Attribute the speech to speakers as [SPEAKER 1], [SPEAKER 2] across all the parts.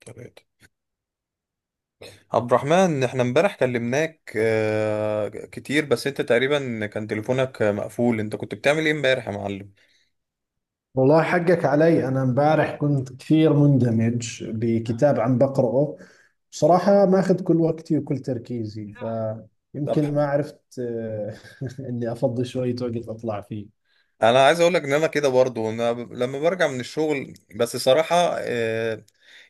[SPEAKER 1] تلاتة عبد الرحمن، احنا امبارح كلمناك كتير، بس انت تقريبا كان تليفونك مقفول. انت كنت بتعمل ايه امبارح يا معلم؟
[SPEAKER 2] والله حقك علي. أنا امبارح كنت كثير مندمج بكتاب عم بقرأه. بصراحة ماخذ كل وقتي وكل تركيزي.
[SPEAKER 1] طب
[SPEAKER 2] فيمكن ما عرفت إني أفضي شوية وقت أطلع فيه.
[SPEAKER 1] انا عايز اقولك ان انا كده برضو. لما برجع من الشغل بس صراحة،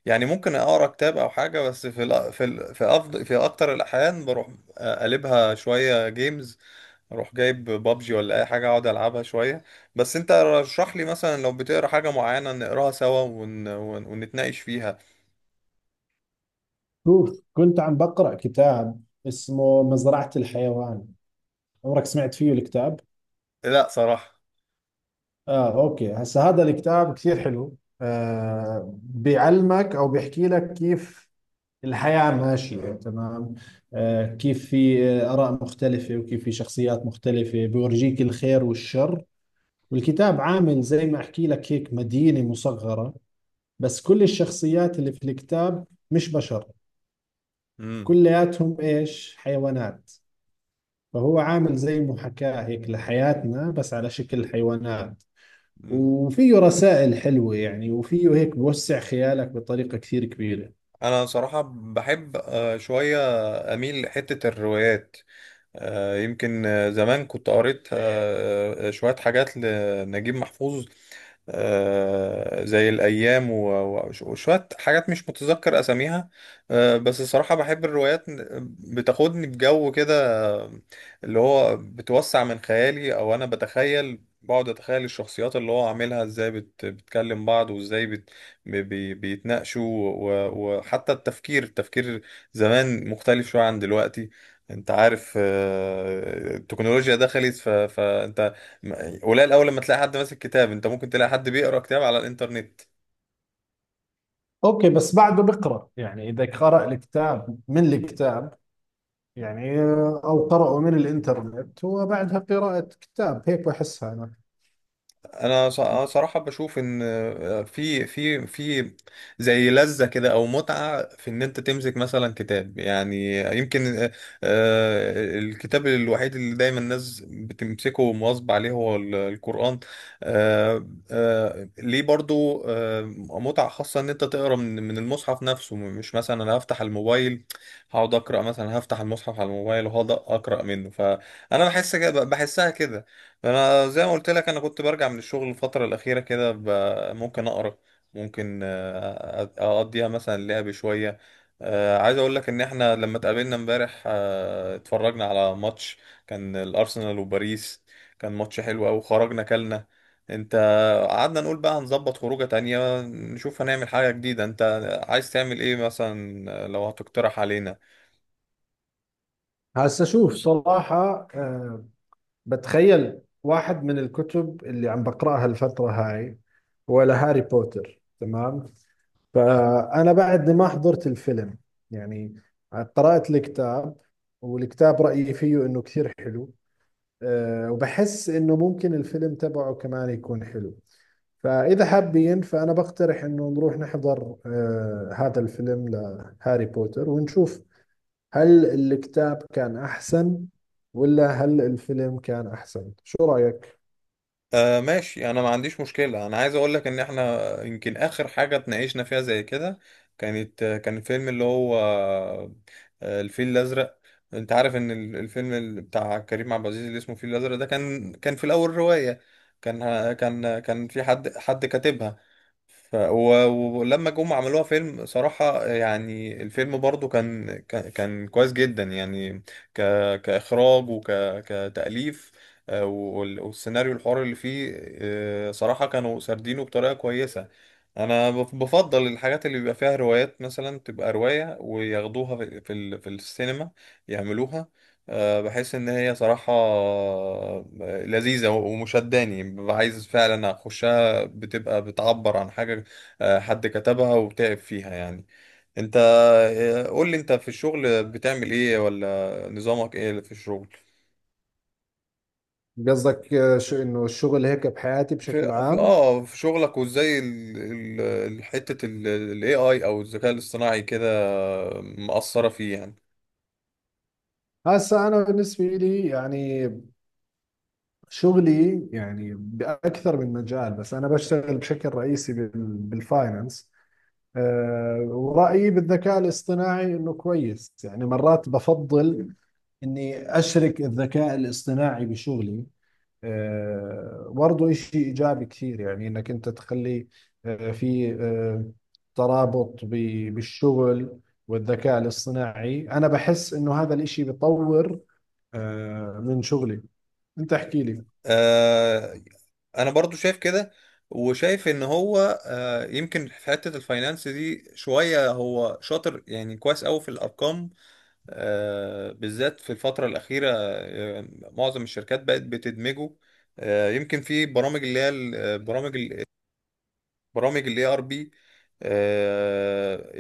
[SPEAKER 1] يعني ممكن اقرا كتاب او حاجة. بس في أفضل في اكتر الاحيان بروح اقلبها شوية جيمز، اروح جايب بابجي ولا اي حاجة اقعد العبها شوية. بس انت رشح لي مثلا لو بتقرا حاجة معينة نقراها سوا ونتناقش فيها.
[SPEAKER 2] شوف، كنت عم بقرأ كتاب اسمه مزرعة الحيوان. عمرك سمعت فيه الكتاب؟
[SPEAKER 1] لا صراحة.
[SPEAKER 2] آه، أوكي. هسا هذا الكتاب كثير حلو، بيعلمك أو بيحكي لك كيف الحياة ماشية تمام. كيف في آراء مختلفة، وكيف في شخصيات مختلفة بيورجيك الخير والشر. والكتاب عامل زي ما أحكي لك هيك مدينة مصغرة، بس كل الشخصيات اللي في الكتاب مش بشر،
[SPEAKER 1] امم
[SPEAKER 2] كلياتهم إيش حيوانات. فهو عامل زي محاكاة هيك لحياتنا بس على شكل حيوانات.
[SPEAKER 1] امم
[SPEAKER 2] وفيه رسائل حلوة يعني، وفيه هيك بوسع خيالك بطريقة كثير كبيرة.
[SPEAKER 1] انا صراحة بحب، شوية اميل لحتة الروايات. يمكن زمان كنت قريت، شوية حاجات لنجيب محفوظ، زي الأيام وشوية حاجات مش متذكر أساميها. بس الصراحة بحب الروايات، بتاخدني بجو كده، اللي هو بتوسع من خيالي. أو أنا بتخيل، بقعد أتخيل الشخصيات اللي هو عاملها إزاي بتكلم بعض، وإزاي بت بي بي- بيتناقشوا. وحتى التفكير زمان مختلف شوية عن دلوقتي. انت عارف، التكنولوجيا دخلت فانت قليل اول لما تلاقي حد ماسك كتاب. انت ممكن تلاقي حد بيقرا كتاب على الانترنت.
[SPEAKER 2] اوكي، بس بعده بقرا يعني، اذا قرا الكتاب من الكتاب يعني، أو قرأوا من الإنترنت وبعدها قراءة كتاب هيك بحسها أنا.
[SPEAKER 1] أنا صراحه بشوف ان، في زي لذه كده او متعه في ان انت تمسك مثلا كتاب، يعني يمكن، الكتاب الوحيد اللي دايما الناس بتمسكه ومواظب عليه هو القران. ليه برضو؟ متعه خاصه ان انت تقرا من المصحف نفسه، مش مثلا انا هفتح الموبايل هقعد اقرا. مثلا هفتح المصحف على الموبايل وهقعد اقرا منه، فانا بحس كده، بحسها كده. انا زي ما قلت لك، انا كنت برجع من الشغل الفتره الاخيره كده ممكن اقرا، ممكن، اقضيها مثلا لعب شويه. عايز اقول لك ان احنا لما اتقابلنا امبارح، اتفرجنا على ماتش، كان الارسنال وباريس. كان ماتش حلو قوي. خرجنا كلنا، انت. قعدنا نقول بقى هنظبط خروجه تانية، نشوف هنعمل حاجه جديده. انت عايز تعمل ايه مثلا، لو هتقترح علينا؟
[SPEAKER 2] هسا شوف، صراحة بتخيل واحد من الكتب اللي عم بقرأها الفترة هاي، ولا هاري بوتر. تمام؟ فأنا بعدني ما حضرت الفيلم يعني، قرأت الكتاب. والكتاب رأيي فيه إنه كثير حلو. وبحس إنه ممكن الفيلم تبعه كمان يكون حلو. فإذا حابين، فأنا بقترح إنه نروح نحضر هذا الفيلم لهاري بوتر، ونشوف هل الكتاب كان أحسن ولا هل الفيلم كان أحسن. شو رأيك؟
[SPEAKER 1] آه ماشي، انا ما عنديش مشكلة. انا عايز اقول لك ان احنا يمكن اخر حاجة اتناقشنا فيها زي كده كان الفيلم اللي هو، الفيل الازرق. انت عارف ان الفيلم بتاع كريم عبد العزيز اللي اسمه الفيل الازرق، ده كان في الاول رواية. كان في حد كاتبها. ف... و... ولما جم عملوها فيلم، صراحة يعني الفيلم برضو كان كويس جدا يعني، ك... كإخراج وك... كتأليف. والسيناريو الحوار اللي فيه، صراحة كانوا سردينه بطريقة كويسة. بفضل الحاجات اللي بيبقى فيها روايات، مثلا تبقى رواية وياخدوها في السينما يعملوها. بحس إن هي صراحة، لذيذة ومشداني، ببقى عايز فعلا أخش، بتبقى بتعبر عن حاجة، حد كتبها وتعب فيها يعني. انت، قول لي انت في الشغل بتعمل ايه، ولا نظامك ايه في الشغل؟
[SPEAKER 2] قصدك شو إنه الشغل هيك بحياتي بشكل
[SPEAKER 1] في في
[SPEAKER 2] عام؟
[SPEAKER 1] اه في شغلك، وازاي حتة الاي اي او الذكاء الاصطناعي كده مأثرة فيه يعني؟
[SPEAKER 2] هسا أنا بالنسبة لي يعني، شغلي يعني بأكثر من مجال، بس أنا بشتغل بشكل رئيسي بالفاينانس. ورأيي بالذكاء الاصطناعي إنه كويس. يعني مرات بفضل إني أشرك الذكاء الاصطناعي بشغلي. برضه إشي إيجابي كثير، يعني إنك أنت تخلي آه، في آه، ترابط بالشغل. والذكاء الاصطناعي أنا بحس إنه هذا الإشي بيطور من شغلي. أنت احكي لي.
[SPEAKER 1] آه، انا برضو شايف كده. وشايف ان هو آه، يمكن في حتة الفاينانس دي شوية هو شاطر، يعني كويس قوي في الارقام. بالذات في الفترة الأخيرة، معظم الشركات بقت بتدمجه. يمكن في برامج، اللي هي برامج الـ ERP.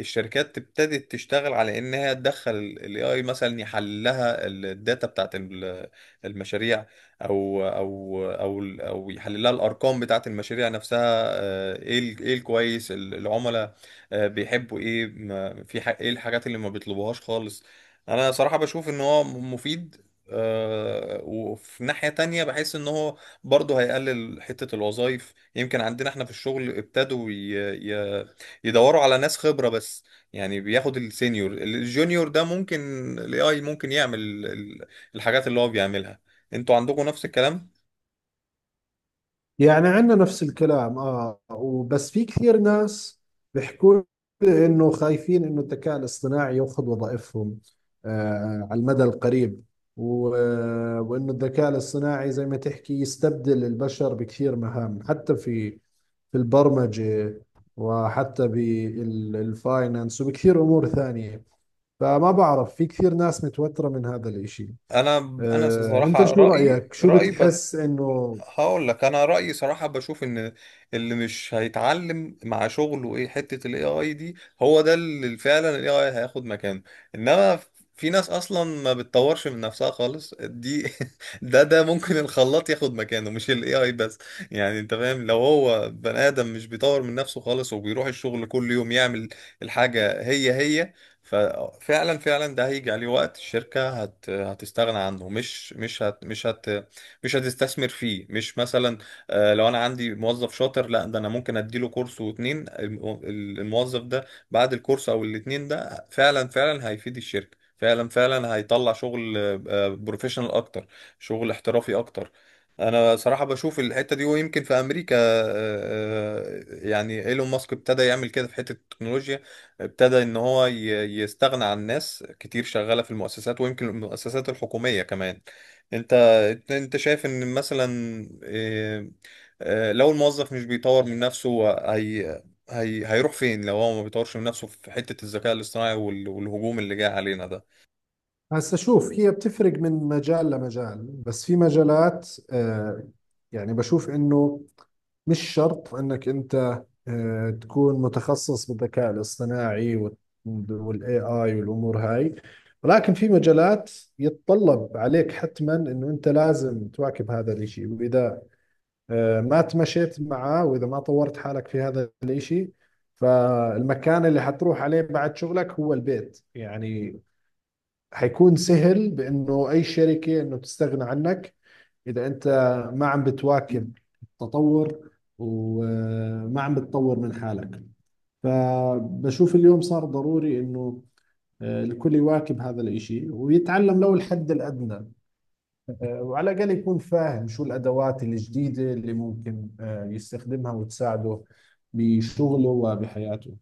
[SPEAKER 1] الشركات ابتدت تشتغل على انها تدخل الـ AI، مثلا يحلل لها الداتا بتاعت المشاريع، او يحلل لها الارقام بتاعت المشاريع نفسها. ايه الكويس، العملاء بيحبوا ايه، ايه الحاجات اللي ما بيطلبوهاش خالص. انا صراحة بشوف ان هو مفيد. وفي ناحية تانية بحس ان هو برضه هيقلل حتة الوظائف. يمكن عندنا احنا في الشغل ابتدوا ي... يدوروا على ناس خبرة بس. يعني بياخد السينيور، الجونيور ده ممكن الـ AI ممكن يعمل الحاجات اللي هو بيعملها. انتوا عندكم نفس الكلام؟
[SPEAKER 2] يعني عندنا نفس الكلام، اه، وبس في كثير ناس بيحكوا لي انه خايفين انه الذكاء الاصطناعي ياخذ وظائفهم على المدى القريب. وانه الذكاء الاصطناعي زي ما تحكي يستبدل البشر بكثير مهام، حتى في البرمجة، وحتى بالفاينانس وبكثير امور ثانية. فما بعرف، في كثير ناس متوترة من هذا الاشي.
[SPEAKER 1] انا انا
[SPEAKER 2] انت
[SPEAKER 1] صراحة
[SPEAKER 2] شو
[SPEAKER 1] رأيي
[SPEAKER 2] رأيك؟ شو
[SPEAKER 1] رأيي
[SPEAKER 2] بتحس انه؟
[SPEAKER 1] هقول لك انا رايي صراحه، بشوف ان اللي مش هيتعلم مع شغله ايه حته الـ AI دي، هو ده اللي فعلا الـ AI هياخد مكانه. انما في ناس اصلا ما بتطورش من نفسها خالص دي، ده ممكن الخلاط ياخد مكانه مش الـ AI بس. يعني انت فاهم، لو هو بني ادم مش بيطور من نفسه خالص، وبيروح الشغل كل يوم يعمل الحاجه هي هي، ففعلا ده هيجي عليه وقت الشركه هتستغنى عنه. مش هتستثمر فيه. مش مثلا، لو انا عندي موظف شاطر، لا ده انا ممكن اديله كورس واتنين. الموظف ده بعد الكورس او الاتنين ده، فعلا هيفيد الشركة، فعلا هيطلع شغل بروفيشنال اكتر، شغل احترافي اكتر. انا صراحة بشوف الحتة دي. ويمكن في امريكا، يعني ايلون ماسك ابتدى يعمل كده في حتة التكنولوجيا. ابتدى ان هو يستغنى عن ناس كتير شغالة في المؤسسات، ويمكن المؤسسات الحكومية كمان. انت، انت شايف ان مثلا، إيه، لو الموظف مش بيطور من نفسه، هي هيروح فين لو هو ما بيطورش من نفسه في حتة الذكاء الاصطناعي والهجوم اللي جاي علينا ده؟
[SPEAKER 2] هسا شوف، هي بتفرق من مجال لمجال، بس في مجالات يعني بشوف انه مش شرط انك انت تكون متخصص بالذكاء الاصطناعي والاي اي والامور هاي. ولكن في مجالات يتطلب عليك حتما انه انت لازم تواكب هذا الاشي. واذا ما تمشيت معاه واذا ما طورت حالك في هذا الاشي، فالمكان اللي حتروح عليه بعد شغلك هو البيت يعني. حيكون سهل بانه اي شركه انه تستغنى عنك اذا انت ما عم بتواكب التطور وما عم بتطور من حالك. فبشوف اليوم صار ضروري انه الكل يواكب هذا الاشي ويتعلم لو الحد الادنى. وعلى الاقل يكون فاهم شو الادوات الجديده اللي ممكن يستخدمها وتساعده بشغله وبحياته.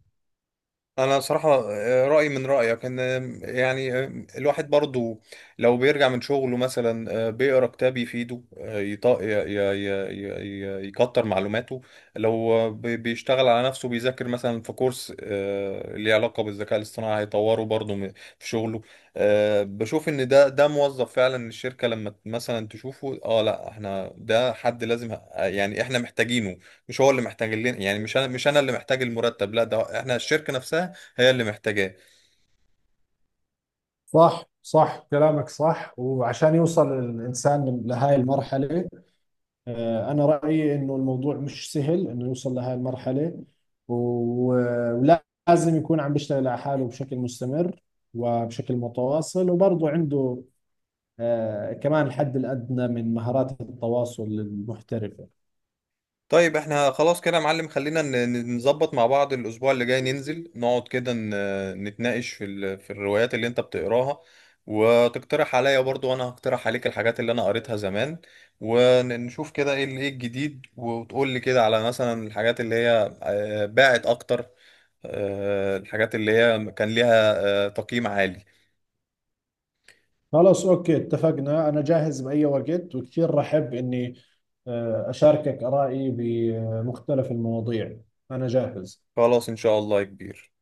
[SPEAKER 1] انا صراحة، رأيي من رأيك. ان يعني الواحد برضو لو بيرجع من شغله مثلا، بيقرا كتاب يفيده، يكتر معلوماته. لو بيشتغل على نفسه، بيذاكر مثلا في كورس، ليه علاقة بالذكاء الاصطناعي، هيطوره برضو في شغله. بشوف ان ده موظف فعلا. الشركة لما مثلا تشوفه، اه لا احنا ده حد لازم، يعني احنا محتاجينه، مش هو اللي محتاج لنا. يعني مش انا اللي محتاج المرتب، لا ده احنا الشركة نفسها هي اللي محتاجاه.
[SPEAKER 2] صح، صح كلامك صح. وعشان يوصل الإنسان لهاي المرحلة، أنا رأيي إنه الموضوع مش سهل إنه يوصل لهي المرحلة. و- ولازم يكون عم بيشتغل على حاله بشكل مستمر وبشكل متواصل، وبرضه عنده كمان الحد الأدنى من مهارات التواصل المحترفة.
[SPEAKER 1] طيب احنا خلاص كده يا معلم. خلينا نظبط مع بعض الاسبوع اللي جاي، ننزل نقعد كده نتناقش في في الروايات اللي انت بتقراها، وتقترح عليا برضو، وانا هقترح عليك الحاجات اللي انا قريتها زمان، ونشوف كده ايه ايه الجديد. وتقول لي كده على مثلا الحاجات اللي هي باعت اكتر، الحاجات اللي هي كان ليها تقييم عالي.
[SPEAKER 2] خلاص أوكي، اتفقنا. أنا جاهز بأي وقت، وكثير رحب إني أشاركك آرائي بمختلف المواضيع. أنا جاهز.
[SPEAKER 1] خلاص ان شاء الله يا كبير.